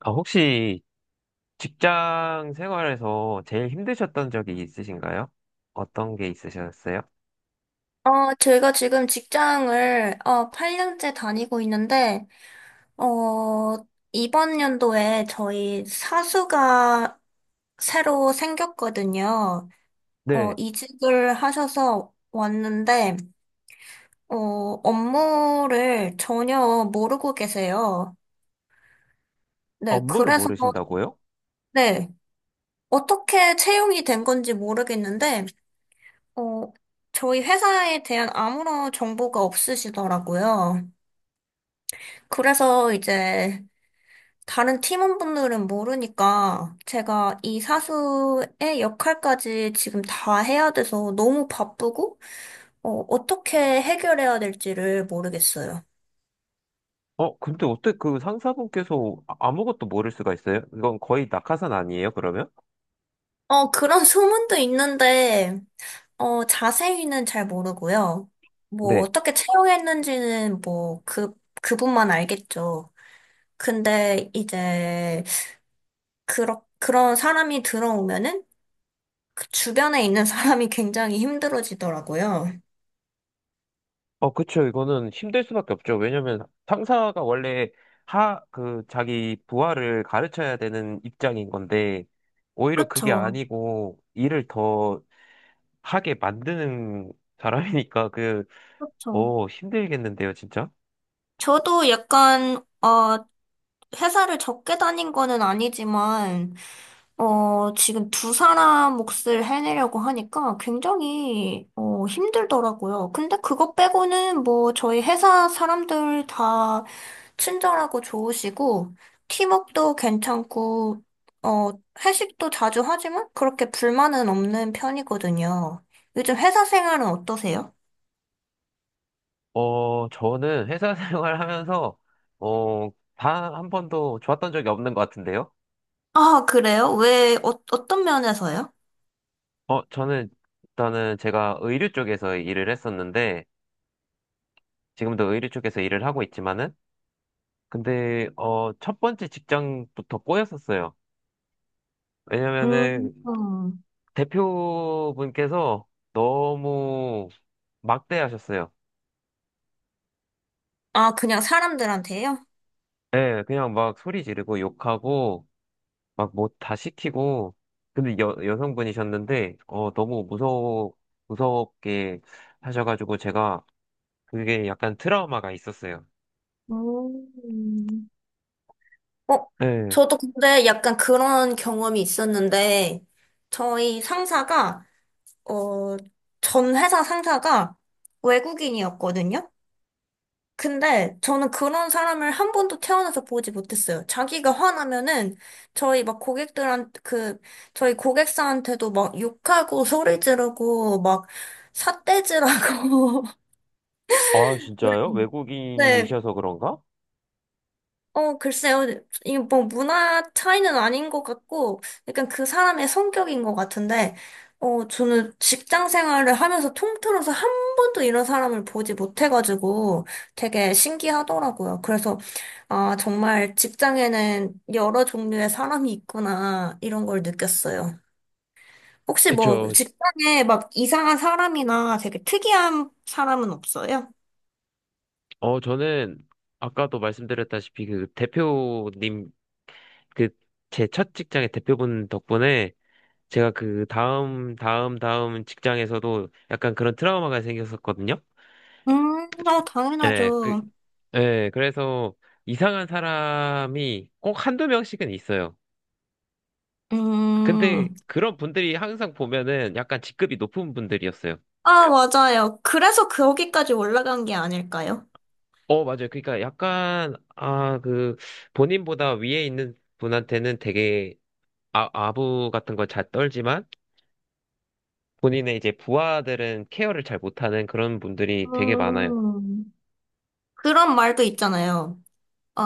아, 혹시 직장 생활에서 제일 힘드셨던 적이 있으신가요? 어떤 게 있으셨어요? 제가 지금 직장을, 8년째 다니고 있는데, 어, 이번 연도에 저희 사수가 새로 생겼거든요. 네, 이직을 하셔서 왔는데, 어, 업무를 전혀 모르고 계세요. 네, 업무를 그래서, 모르신다고요? 네, 어떻게 채용이 된 건지 모르겠는데, 어, 저희 회사에 대한 아무런 정보가 없으시더라고요. 그래서 이제, 다른 팀원분들은 모르니까 제가 이 사수의 역할까지 지금 다 해야 돼서 너무 바쁘고, 어떻게 해결해야 될지를 모르겠어요. 근데 어떻게 그 상사분께서 아무것도 모를 수가 있어요? 이건 거의 낙하산 아니에요, 그러면? 그런 소문도 있는데, 자세히는 잘 모르고요. 네. 어떻게 채용했는지는 그분만 알겠죠. 근데 이제, 그런 사람이 들어오면은 그 주변에 있는 사람이 굉장히 힘들어지더라고요. 어, 그쵸. 이거는 힘들 수밖에 없죠. 왜냐면 상사가 원래 하, 그, 자기 부하를 가르쳐야 되는 입장인 건데, 오히려 그게 그쵸. 아니고 일을 더 하게 만드는 사람이니까 그, 그쵸. 어, 힘들겠는데요, 진짜? 저도 약간, 어, 회사를 적게 다닌 거는 아니지만, 지금 두 사람 몫을 해내려고 하니까 굉장히, 힘들더라고요. 근데 그거 빼고는 뭐 저희 회사 사람들 다 친절하고 좋으시고, 팀워크도 괜찮고, 어, 회식도 자주 하지만 그렇게 불만은 없는 편이거든요. 요즘 회사 생활은 어떠세요? 저는 회사 생활하면서, 어, 다 한 번도 좋았던 적이 없는 것 같은데요? 아, 그래요? 어떤 면에서요? 어, 저는, 일단은 제가 의류 쪽에서 일을 했었는데, 지금도 의류 쪽에서 일을 하고 있지만은, 근데, 첫 번째 직장부터 꼬였었어요. 음, 왜냐면은, 음. 대표분께서 너무 막대하셨어요. 아, 그냥 사람들한테요? 예, 그냥 막 소리 지르고 욕하고, 막 뭐 다 시키고, 근데 여성분이셨는데, 너무 무서워, 무섭게 하셔가지고 제가 그게 약간 트라우마가 있었어요. 음. 어, 네. 저도 근데 약간 그런 경험이 있었는데, 저희 상사가, 어, 전 회사 상사가 외국인이었거든요? 근데 저는 그런 사람을 한 번도 태어나서 보지 못했어요. 자기가 화나면은 저희 막 고객들한, 그, 저희 고객사한테도 막 욕하고 소리 지르고 막 삿대질하고, 아, 진짜요? 네, 외국인이셔서 그런가? 글쎄요. 이게 뭐 문화 차이는 아닌 것 같고, 약간 그 사람의 성격인 것 같은데, 저는 직장 생활을 하면서 통틀어서 한 번도 이런 사람을 보지 못해가지고 되게 신기하더라고요. 그래서, 아, 정말 직장에는 여러 종류의 사람이 있구나, 이런 걸 느꼈어요. 혹시 뭐 그쵸. 직장에 막 이상한 사람이나 되게 특이한 사람은 없어요? 어, 저는 아까도 말씀드렸다시피 그 대표님, 그 제 첫 직장의 대표분 덕분에 제가 그 다음 직장에서도 약간 그런 트라우마가 생겼었거든요. 네, 그, 당연하죠. 예, 그래서 이상한 사람이 꼭 한두 명씩은 있어요. 근데 음. 그런 분들이 항상 보면은 약간 직급이 높은 분들이었어요. 아, 맞아요. 그래서 거기까지 올라간 게 아닐까요? 어, 맞아요. 그러니까 약간, 아, 그, 본인보다 위에 있는 분한테는 되게 아부 같은 걸 잘 떨지만 본인의 이제 부하들은 케어를 잘 못하는 그런 분들이 되게 많아요. 음, 그런 말도 있잖아요. 어,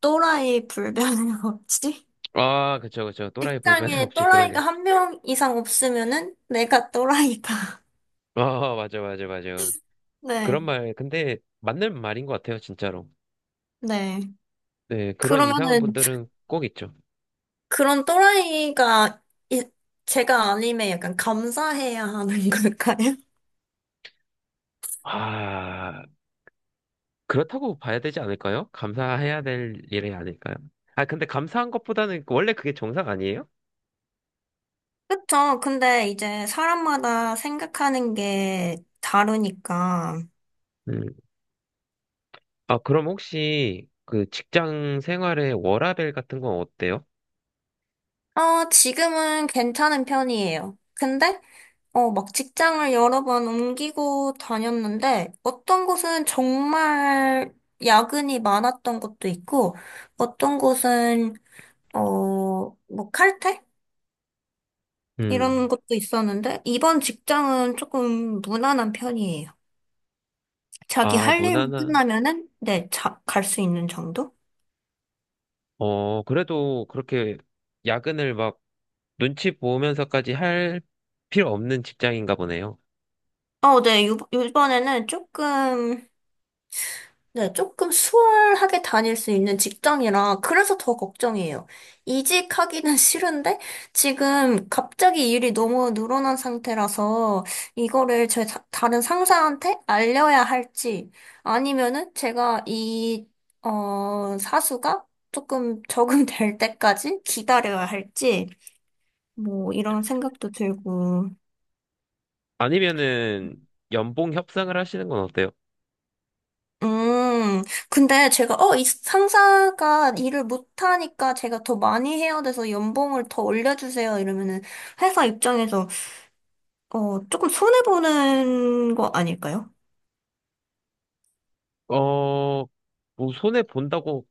또라이 불변의 법칙? 아, 그쵸, 그쵸. 또라이 불변의 책장에 법칙 그런 게. 또라이가 한 명 이상 없으면은 내가 또라이다. 아, 맞아, 맞아, 맞아. 그런 네, 말, 근데 맞는 말인 것 같아요, 진짜로. 네. 네, 그런 이상한 그러면은 분들은 꼭 있죠. 그런 또라이가 이- 제가 아님에 약간 감사해야 하는 걸까요? 아, 그렇다고 봐야 되지 않을까요? 감사해야 될 일이 아닐까요? 아, 근데 감사한 것보다는 원래 그게 정상 아니에요? 그쵸. 근데 이제 사람마다 생각하는 게 다르니까. 음. 아, 그럼 혹시 그 직장 생활의 워라밸 같은 건 어때요? 지금은 괜찮은 편이에요. 막 직장을 여러 번 옮기고 다녔는데, 어떤 곳은 정말 야근이 많았던 것도 있고, 어떤 곳은, 뭐 칼퇴? 이런 음. 것도 있었는데, 이번 직장은 조금 무난한 편이에요. 자기 아, 할 일만 무난한. 끝나면은, 네, 자, 갈 수 있는 정도? 어, 그래도 그렇게 야근을 막 눈치 보면서까지 할 필요 없는 직장인가 보네요. 네, 요번에는 조금, 네, 조금 수월하게 다닐 수 있는 직장이라 그래서 더 걱정이에요. 이직하기는 싫은데 지금 갑자기 일이 너무 늘어난 상태라서 이거를 제 다른 상사한테 알려야 할지 아니면은 사수가 조금 적응될 때까지 기다려야 할지 뭐 이런 생각도 들고 아니면은 연봉 협상을 하시는 건 어때요? 음, 근데 이 상사가 일을 못하니까 제가 더 많이 해야 돼서 연봉을 더 올려주세요. 이러면은 회사 입장에서, 조금 손해보는 거 아닐까요? 어, 뭐 손해 본다고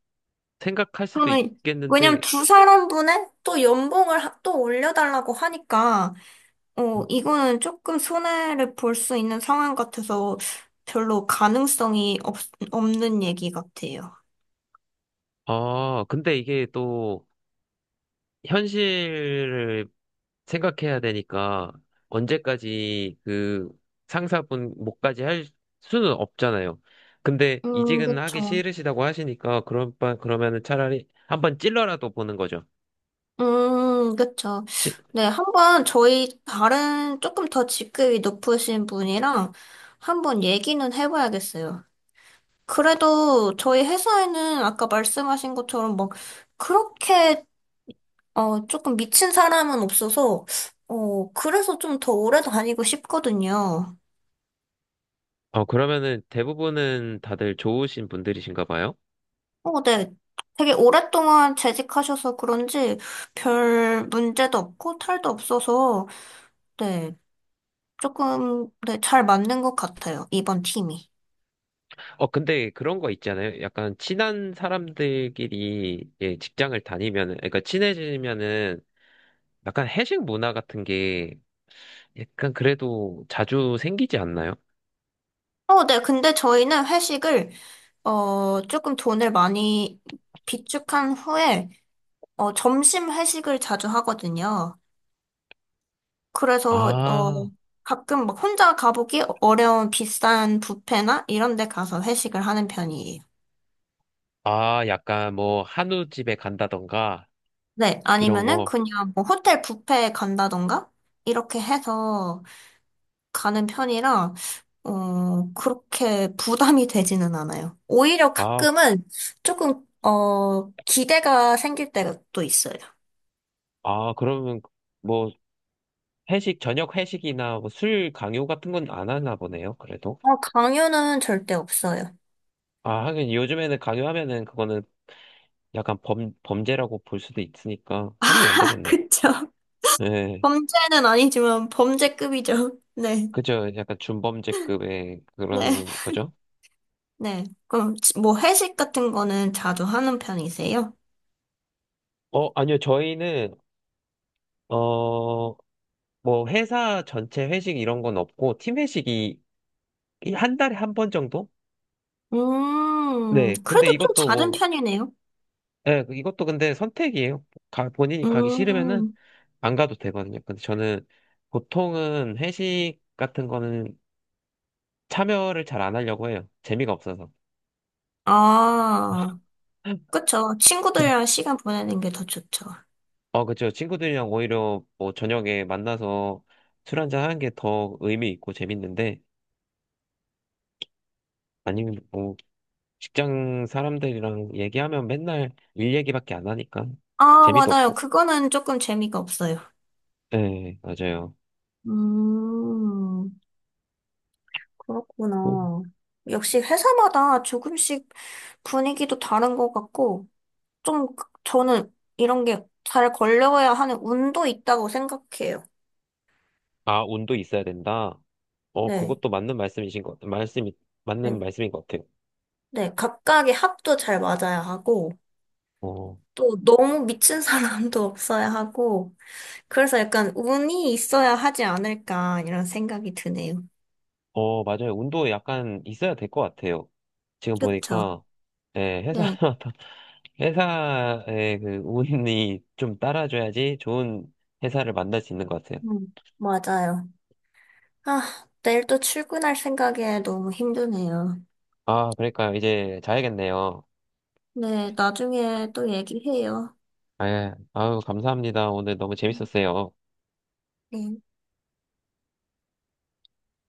생각할 수도 저는, 왜냐면 있겠는데, 두 사람분의 또 연봉을 또 올려달라고 하니까, 이거는 조금 손해를 볼 수 있는 상황 같아서 별로 가능성이 없, 없는 얘기 같아요. 아, 근데 이게 또 현실을 생각해야 되니까 언제까지 그 상사분 목까지 할 수는 없잖아요. 근데 이직은 하기 그쵸. 싫으시다고 하시니까 그런 그러면은 차라리 한번 찔러라도 보는 거죠. 그쵸. 찌- 네, 한번 저희 다른 조금 더 직급이 높으신 분이랑 한번 얘기는 해봐야겠어요. 그래도 저희 회사에는 아까 말씀하신 것처럼 막 그렇게 조금 미친 사람은 없어서 그래서 좀 더 오래 다니고 싶거든요. 어, 그러면은 대부분은 다들 좋으신 분들이신가 봐요. 어, 네. 되게 오랫동안 재직하셔서 그런지 별 문제도 없고 탈도 없어서 네. 조금, 네, 잘 맞는 것 같아요, 이번 팀이. 어, 근데 그런 거 있잖아요. 약간 친한 사람들끼리 예, 직장을 다니면은, 그러니까 친해지면은 약간 회식 문화 같은 게 약간 그래도 자주 생기지 않나요? 어, 네, 근데 저희는 회식을, 조금 돈을 많이 비축한 후에, 점심 회식을 자주 하거든요. 그래서, 어, 아, 가끔 막 혼자 가보기 어려운 비싼 뷔페나 이런 데 가서 회식을 하는 편이에요. 아, 약간 뭐 한우집에 간다던가 네, 이런 아니면은 거. 그냥 뭐 호텔 뷔페에 간다던가, 이렇게 해서 가는 편이라, 그렇게 부담이 되지는 않아요. 오히려 아, 가끔은 조금, 기대가 생길 때가 또 있어요. 아, 그러면 뭐 회식, 저녁 회식이나 뭐술 강요 같은 건 안 하나 보네요, 그래도. 강요는 절대 없어요. 아, 하긴 요즘에는 강요하면은 그거는 약간 범죄라고 볼 수도 있으니까 하면 안 아, 되겠네. 그쵸. 네, 범죄는 아니지만 범죄급이죠. 네, 그죠. 약간 준범죄급의 네, 그런 거죠. 네. 그럼 뭐 회식 같은 거는 자주 하는 편이세요? 어, 아니요, 저희는, 어, 뭐 회사 전체 회식 이런 건 없고 팀 회식이 이한 달에 한 번 정도? 네. 근데 그래도 좀 이것도 잦은 뭐 편이네요. 예, 그 이것도 근데 선택이에요. 본인이 가기 싫으면은 음, 안 가도 되거든요. 근데 저는 보통은 회식 같은 거는 참여를 잘 안 하려고 해요. 재미가 없어서. 아, 그쵸. 친구들이랑 시간 보내는 게 더 좋죠. 어, 그쵸. 친구들이랑 오히려 뭐 저녁에 만나서 술 한잔 하는 게 더 의미 있고 재밌는데 아니면 뭐 직장 사람들이랑 얘기하면 맨날 일 얘기밖에 안 하니까 아, 재미도 맞아요. 없고. 그거는 조금 재미가 없어요. 네, 맞아요. 음, 음. 그렇구나. 역시 회사마다 조금씩 분위기도 다른 것 같고, 저는 이런 게 잘 걸려야 하는 운도 있다고 생각해요. 아, 운도 있어야 된다. 어, 네. 그것도 맞는 말씀이신 맞는 네. 말씀인 것 같아요. 네. 각각의 합도 잘 맞아야 하고, 어, 또 너무 미친 사람도 없어야 하고, 그래서 약간 운이 있어야 하지 않을까, 이런 생각이 드네요. 어, 맞아요. 운도 약간 있어야 될 것 같아요. 지금 그쵸? 보니까, 예, 네. 회사마다, 회사의 그 운이 좀 따라줘야지 좋은 회사를 만날 수 있는 것 같아요. 음, 맞아요. 아, 내일 또 출근할 생각에 너무 힘드네요. 아, 그러니까요. 이제 자야겠네요. 네, 나중에 또 얘기해요. 아, 예. 아유, 감사합니다. 오늘 너무 재밌었어요. 네.